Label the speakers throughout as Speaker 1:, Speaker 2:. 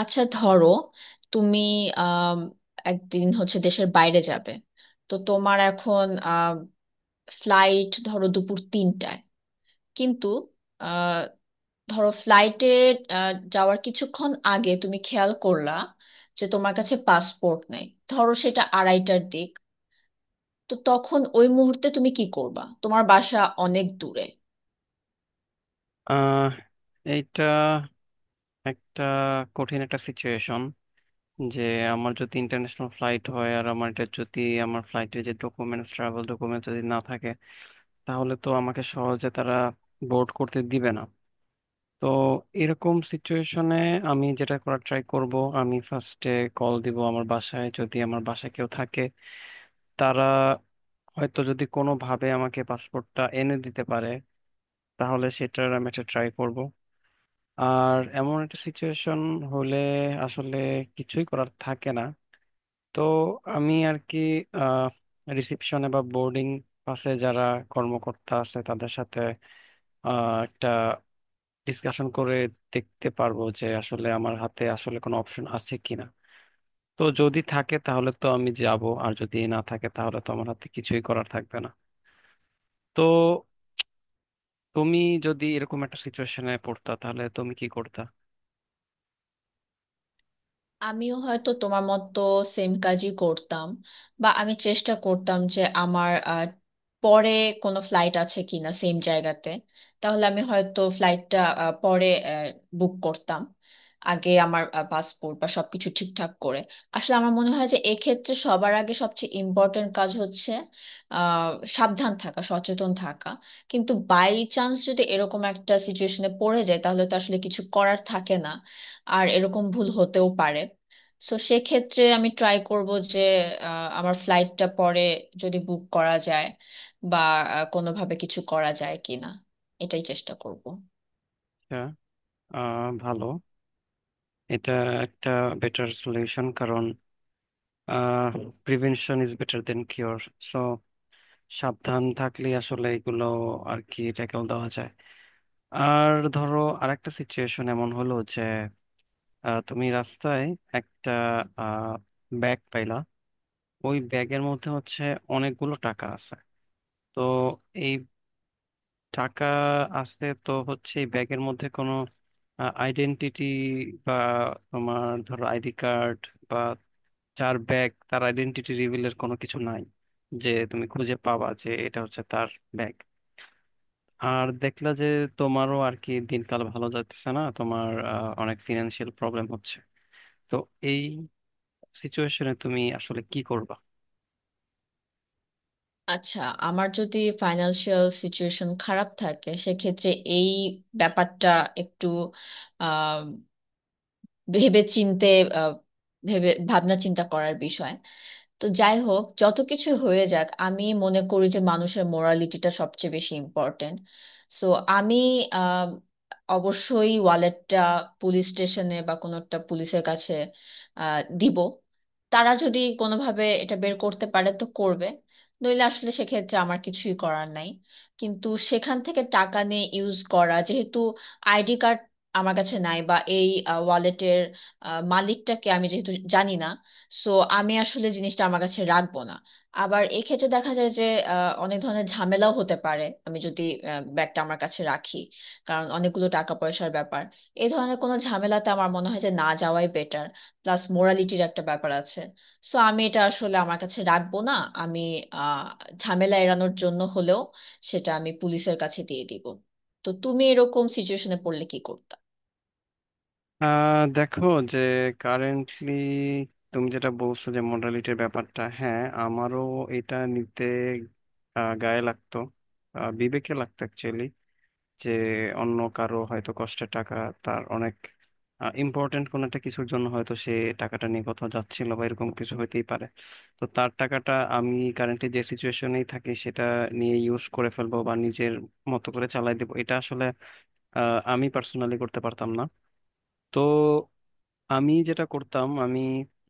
Speaker 1: আচ্ছা, ধরো তুমি আম, একদিন হচ্ছে দেশের বাইরে যাবে। তো তোমার এখন ফ্লাইট ধরো দুপুর তিনটায়, কিন্তু আহ, ধরো ফ্লাইটে যাওয়ার কিছুক্ষণ আগে তুমি খেয়াল করলা যে তোমার কাছে পাসপোর্ট নেই। ধরো সেটা আড়াইটার দিক। তো তখন ওই মুহূর্তে তুমি কি করবা, তোমার বাসা অনেক দূরে।
Speaker 2: আহ এইটা একটা কঠিন সিচুয়েশন যে আমার যদি ইন্টারন্যাশনাল ফ্লাইট হয় আর আমার এটা যদি আমার ফ্লাইটের যে ডকুমেন্টস ট্রাভেল ডকুমেন্টস যদি না থাকে তাহলে তো আমাকে সহজে তারা বোর্ড করতে দিবে না। তো এরকম সিচুয়েশনে আমি যেটা করার ট্রাই করব, আমি ফার্স্টে কল দিব আমার বাসায়। যদি আমার বাসায় কেউ থাকে, তারা হয়তো যদি কোনোভাবে আমাকে পাসপোর্টটা এনে দিতে পারে তাহলে সেটার আমি একটা ট্রাই করব। আর এমন একটা সিচুয়েশন হলে আসলে কিছুই করার থাকে না। তো আমি আর কি আহ রিসেপশনে বা বোর্ডিং পাশে যারা কর্মকর্তা আছে তাদের সাথে একটা ডিসকাশন করে দেখতে পারবো যে আসলে আমার হাতে আসলে কোনো অপশন আছে কিনা। তো যদি থাকে তাহলে তো আমি যাব, আর যদি না থাকে তাহলে তো আমার হাতে কিছুই করার থাকবে না। তো তুমি যদি এরকম একটা সিচুয়েশনে পড়তা তাহলে তুমি কি করতা?
Speaker 1: আমিও হয়তো তোমার মতো সেম কাজই করতাম, বা আমি চেষ্টা করতাম যে আমার পরে কোনো ফ্লাইট আছে কিনা সেম জায়গাতে। তাহলে আমি হয়তো ফ্লাইটটা পরে বুক করতাম, আগে আমার পাসপোর্ট বা সবকিছু ঠিকঠাক করে। আসলে আমার মনে হয় যে এক্ষেত্রে সবার আগে সবচেয়ে ইম্পর্টেন্ট কাজ হচ্ছে আহ সাবধান থাকা, সচেতন থাকা। কিন্তু বাই চান্স যদি এরকম একটা সিচুয়েশনে পড়ে যায়, তাহলে তো আসলে কিছু করার থাকে না। আর এরকম ভুল হতেও পারে। সো সেক্ষেত্রে আমি ট্রাই করব যে আমার ফ্লাইটটা পরে যদি বুক করা যায়, বা কোনোভাবে কিছু করা যায় কিনা, এটাই চেষ্টা করব।
Speaker 2: আচ্ছা, ভালো। এটা একটা বেটার সলিউশন, কারণ prevention is better than cure. So সাবধান থাকলে আসলে এগুলো আর কি ট্যাকল দেওয়া যায়। আর ধরো আরেকটা সিচুয়েশন এমন হলো যে তুমি রাস্তায় একটা ব্যাগ পাইলা। ওই ব্যাগের মধ্যে হচ্ছে অনেকগুলো টাকা আছে। তো এই টাকা আছে, তো হচ্ছে এই ব্যাগের মধ্যে কোনো আইডেন্টিটি বা তোমার ধরো আইডি কার্ড বা যার ব্যাগ তার আইডেন্টিটি রিভিলের কোনো কিছু নাই যে তুমি খুঁজে পাবা যে এটা হচ্ছে তার ব্যাগ। আর দেখলা যে তোমারও আর কি দিনকাল ভালো যাচ্ছে না, তোমার অনেক ফিনান্সিয়াল প্রবলেম হচ্ছে। তো এই সিচুয়েশনে তুমি আসলে কি করবা?
Speaker 1: আচ্ছা, আমার যদি ফাইন্যান্সিয়াল সিচুয়েশন খারাপ থাকে, সেক্ষেত্রে এই ব্যাপারটা একটু আহ ভেবে চিনতে, আহ, ভেবে ভাবনা চিন্তা করার বিষয়। তো যাই হোক, যত কিছু হয়ে যাক, আমি মনে করি যে মানুষের মোরালিটিটা সবচেয়ে বেশি ইম্পর্টেন্ট। সো আমি আহ, অবশ্যই ওয়ালেটটা পুলিশ স্টেশনে বা কোনো একটা পুলিশের কাছে দিব। তারা যদি কোনোভাবে এটা বের করতে পারে তো করবে, নইলে আসলে সেক্ষেত্রে আমার কিছুই করার নাই। কিন্তু সেখান থেকে টাকা নিয়ে ইউজ করা, যেহেতু আইডি কার্ড আমার কাছে নাই বা এই ওয়ালেটের মালিকটাকে আমি যেহেতু জানি না, সো আমি আসলে জিনিসটা আমার কাছে রাখবো না। আবার এক্ষেত্রে দেখা যায় যে অনেক ধরনের ঝামেলাও হতে পারে আমি যদি ব্যাগটা আমার কাছে রাখি, কারণ অনেকগুলো টাকা পয়সার ব্যাপার। এই ধরনের কোনো ঝামেলাতে আমার মনে হয় যে না যাওয়াই বেটার, প্লাস মোরালিটির একটা ব্যাপার আছে। সো আমি এটা আসলে আমার কাছে রাখবো না। আমি আহ ঝামেলা এড়ানোর জন্য হলেও সেটা আমি পুলিশের কাছে দিয়ে দিব। তো তুমি এরকম সিচুয়েশনে পড়লে কি করবে?
Speaker 2: দেখো, যে কারেন্টলি তুমি যেটা বলছো যে মডালিটির ব্যাপারটা, হ্যাঁ আমারও এটা নিতে গায়ে লাগতো, বিবেকে লাগতো অ্যাকচুয়ালি। যে অন্য কারো হয়তো কষ্টের টাকা, তার অনেক ইম্পর্টেন্ট কোনো একটা কিছুর জন্য হয়তো সে টাকাটা নিয়ে কোথাও যাচ্ছিল বা এরকম কিছু হইতেই পারে। তো তার টাকাটা আমি কারেন্টলি যে সিচুয়েশনেই থাকি সেটা নিয়ে ইউজ করে ফেলবো বা নিজের মতো করে চালাই দেবো, এটা আসলে আমি পার্সোনালি করতে পারতাম না। তো আমি যেটা করতাম, আমি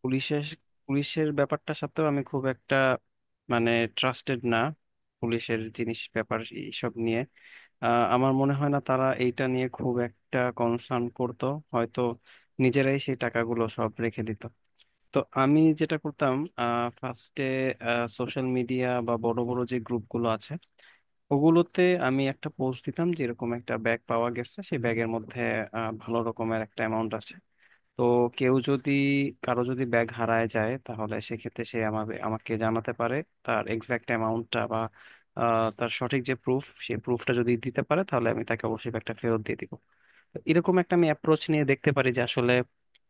Speaker 2: পুলিশের পুলিশের ব্যাপারটা সাথেও আমি খুব একটা মানে ট্রাস্টেড না। পুলিশের জিনিস ব্যাপার এইসব নিয়ে আমার মনে হয় না তারা এইটা নিয়ে খুব একটা কনসার্ন করতো। হয়তো নিজেরাই সেই টাকাগুলো সব রেখে দিত। তো আমি যেটা করতাম, ফার্স্টে সোশ্যাল মিডিয়া বা বড় বড় যে গ্রুপগুলো আছে ওগুলোতে আমি একটা পোস্ট দিতাম যে এরকম একটা ব্যাগ পাওয়া গেছে, সেই ব্যাগের মধ্যে ভালো রকমের একটা অ্যামাউন্ট আছে। তো কেউ যদি, কারো যদি ব্যাগ হারায় যায় তাহলে সেক্ষেত্রে সে আমাকে আমাকে জানাতে পারে তার এক্সাক্ট অ্যামাউন্টটা বা তার সঠিক যে প্রুফ সেই প্রুফটা যদি দিতে পারে তাহলে আমি তাকে অবশ্যই ব্যাগটা ফেরত দিয়ে দিব। তো এরকম একটা আমি অ্যাপ্রোচ নিয়ে দেখতে পারি যে আসলে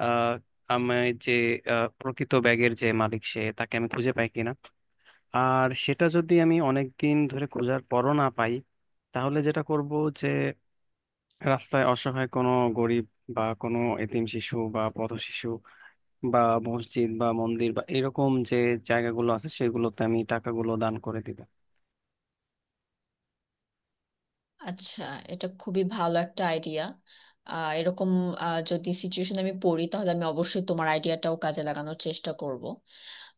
Speaker 2: আহ আমি যে প্রকৃত ব্যাগের যে মালিক সে তাকে আমি খুঁজে পাই কিনা। আর সেটা যদি আমি অনেক দিন ধরে খোঁজার পরও না পাই, তাহলে যেটা করব যে রাস্তায় অসহায় কোনো গরিব বা কোনো এতিম শিশু বা পথ শিশু বা মসজিদ বা মন্দির বা এরকম যে জায়গাগুলো আছে সেগুলোতে আমি টাকাগুলো দান করে দিব।
Speaker 1: আচ্ছা, এটা খুবই ভালো একটা আইডিয়া। এরকম যদি সিচুয়েশন আমি পড়ি তাহলে আমি অবশ্যই তোমার আইডিয়াটাও কাজে লাগানোর চেষ্টা করব।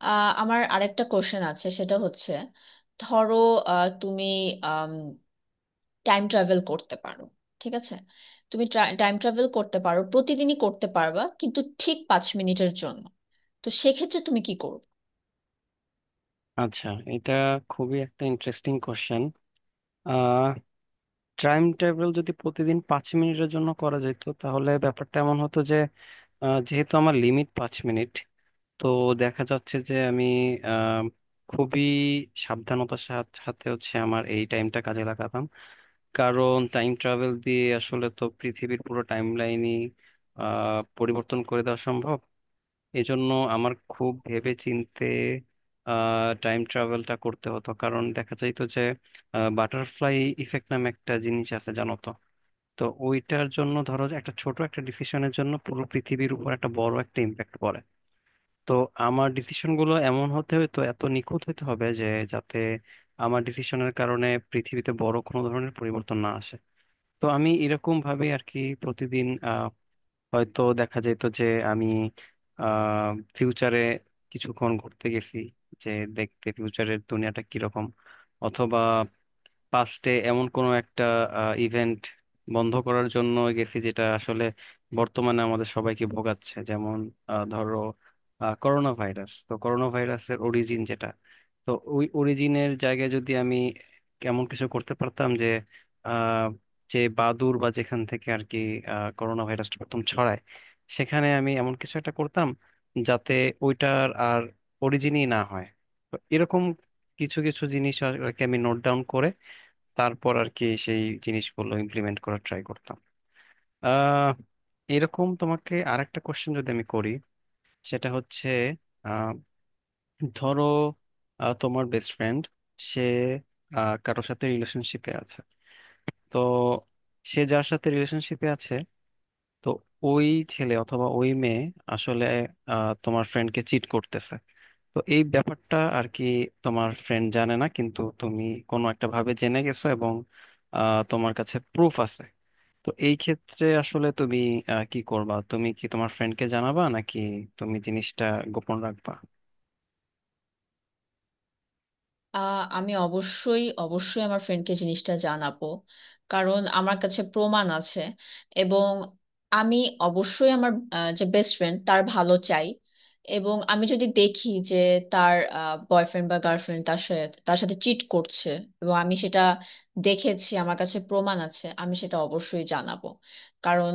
Speaker 1: আমার আরেকটা কোশ্চেন আছে, সেটা হচ্ছে ধরো তুমি টাইম ট্রাভেল করতে পারো, ঠিক আছে? তুমি টাইম ট্রাভেল করতে পারো প্রতিদিনই করতে পারবা, কিন্তু ঠিক 5 মিনিটের জন্য। তো সেক্ষেত্রে তুমি কি করবে?
Speaker 2: আচ্ছা, এটা খুবই একটা interesting question. Ah time travel যদি প্রতিদিন পাঁচ মিনিটের জন্য করা যেত তাহলে ব্যাপারটা এমন হতো যে যেহেতু আমার লিমিট পাঁচ মিনিট, তো দেখা যাচ্ছে যে আমি আহ, খুবই সাবধানতার সাথে হচ্ছে আমার এই টাইমটা কাজে লাগাতাম। কারণ টাইম ট্রাভেল দিয়ে আসলে তো পৃথিবীর পুরো টাইম লাইনই পরিবর্তন করে দেওয়া সম্ভব। এজন্য আমার খুব ভেবে চিন্তে টাইম ট্রাভেলটা করতে হতো, কারণ দেখা যাইতো যে বাটারফ্লাই ইফেক্ট নামে একটা জিনিস আছে, জানো তো। তো ওইটার জন্য ধরো যে একটা ছোট ডিসিশনের জন্য পুরো পৃথিবীর উপর একটা বড় একটা ইম্প্যাক্ট পড়ে। তো আমার ডিসিশন গুলো এমন হতো এত নিখুঁত হতে হবে যে, যাতে আমার ডিসিশনের কারণে পৃথিবীতে বড় কোনো ধরনের পরিবর্তন না আসে। তো আমি এরকম ভাবে আর কি প্রতিদিন হয়তো দেখা যেত যে আমি আহ ফিউচারে কিছুক্ষণ ঘুরতে গেছি যে দেখতে ফিউচারের দুনিয়াটা কিরকম, অথবা পাস্টে এমন কোনো একটা ইভেন্ট বন্ধ করার জন্য গেছি যেটা আসলে বর্তমানে আমাদের সবাইকে ভোগাচ্ছে, যেমন ধরো করোনা ভাইরাস। তো করোনা ভাইরাসের অরিজিন যেটা, তো ওই অরিজিনের জায়গায় যদি আমি এমন কিছু করতে পারতাম যে আহ, যে বাদুর বা যেখান থেকে আর কি করোনা ভাইরাসটা প্রথম ছড়ায় সেখানে আমি এমন কিছু একটা করতাম যাতে ওইটার আর অরিজিনই না হয়। তো এরকম কিছু কিছু জিনিস আর আর কি আমি নোট ডাউন করে তারপর আর কি সেই জিনিসগুলো ইমপ্লিমেন্ট করার ট্রাই করতাম। আহ এরকম তোমাকে আরেকটা কোশ্চেন যদি আমি করি, সেটা হচ্ছে আহ, ধরো তোমার বেস্ট ফ্রেন্ড সে কারোর সাথে রিলেশনশিপে আছে। তো সে যার সাথে রিলেশনশিপে আছে, তো ওই ছেলে অথবা ওই মেয়ে আসলে তোমার ফ্রেন্ডকে চিট করতেছে। তো এই ব্যাপারটা আর কি তোমার ফ্রেন্ড জানে না, কিন্তু তুমি কোনো একটা ভাবে জেনে গেছো এবং তোমার কাছে প্রুফ আছে। তো এই ক্ষেত্রে আসলে তুমি কি করবা? তুমি কি তোমার ফ্রেন্ডকে জানাবা নাকি তুমি জিনিসটা গোপন রাখবা?
Speaker 1: আমি অবশ্যই অবশ্যই আমার ফ্রেন্ডকে জিনিসটা জানাবো, কারণ আমার কাছে প্রমাণ আছে। এবং আমি অবশ্যই আমার যে বেস্ট ফ্রেন্ড তার ভালো চাই। এবং আমি যদি দেখি যে তার বয়ফ্রেন্ড বা গার্লফ্রেন্ড তার সাথে তার সাথে চিট করছে, এবং আমি সেটা দেখেছি, আমার কাছে প্রমাণ আছে, আমি সেটা অবশ্যই জানাবো। কারণ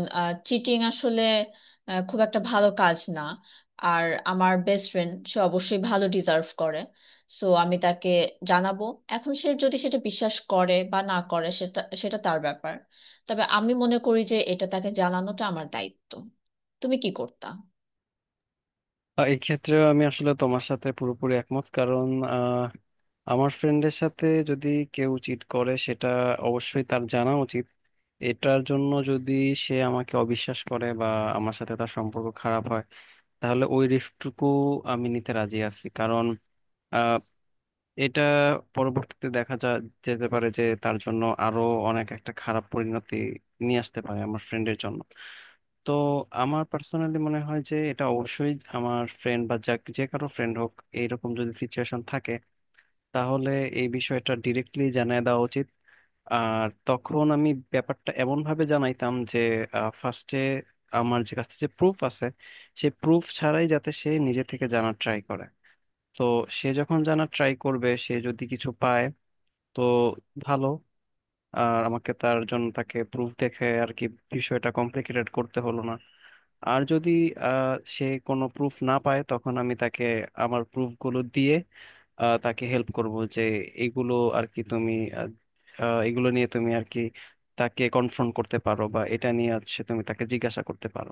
Speaker 1: চিটিং আসলে খুব একটা ভালো কাজ না। আর আমার বেস্ট ফ্রেন্ড সে অবশ্যই ভালো ডিজার্ভ করে। সো আমি তাকে জানাবো। এখন সে যদি সেটা বিশ্বাস করে বা না করে, সেটা সেটা তার ব্যাপার। তবে আমি মনে করি যে এটা তাকে জানানোটা আমার দায়িত্ব। তুমি কি করতা?
Speaker 2: এই ক্ষেত্রে আমি আসলে তোমার সাথে পুরোপুরি একমত, কারণ আহ, আমার ফ্রেন্ডের সাথে যদি কেউ চিট করে সেটা অবশ্যই তার জানা উচিত। এটার জন্য যদি সে আমাকে অবিশ্বাস করে বা আমার সাথে তার সম্পর্ক খারাপ হয়, তাহলে ওই রিস্কটুকু আমি নিতে রাজি আছি। কারণ এটা পরবর্তীতে দেখা যা যেতে পারে যে তার জন্য আরো অনেক একটা খারাপ পরিণতি নিয়ে আসতে পারে আমার ফ্রেন্ডের জন্য। তো আমার পার্সোনালি মনে হয় যে এটা অবশ্যই আমার ফ্রেন্ড বা যে কারো ফ্রেন্ড হোক, এইরকম যদি সিচুয়েশন থাকে তাহলে এই বিষয়টা ডিরেক্টলি জানিয়ে দেওয়া উচিত। আর তখন আমি ব্যাপারটা এমন ভাবে জানাইতাম যে ফার্স্টে আমার যে কাছে যে প্রুফ আছে সেই প্রুফ ছাড়াই যাতে সে নিজে থেকে জানার ট্রাই করে। তো সে যখন জানার ট্রাই করবে, সে যদি কিছু পায় তো ভালো। আর আমাকে তার জন্য তাকে প্রুফ দেখে আর কি বিষয়টা কমপ্লিকেটেড করতে হলো না। আর যদি সে কোনো প্রুফ না পায় তখন আমি তাকে আমার প্রুফগুলো দিয়ে তাকে হেল্প করব যে এগুলো আর কি তুমি আহ, আহ, এগুলো নিয়ে তুমি আর কি তাকে কনফ্রন্ট করতে পারো বা এটা নিয়ে হচ্ছে তুমি তাকে জিজ্ঞাসা করতে পারো।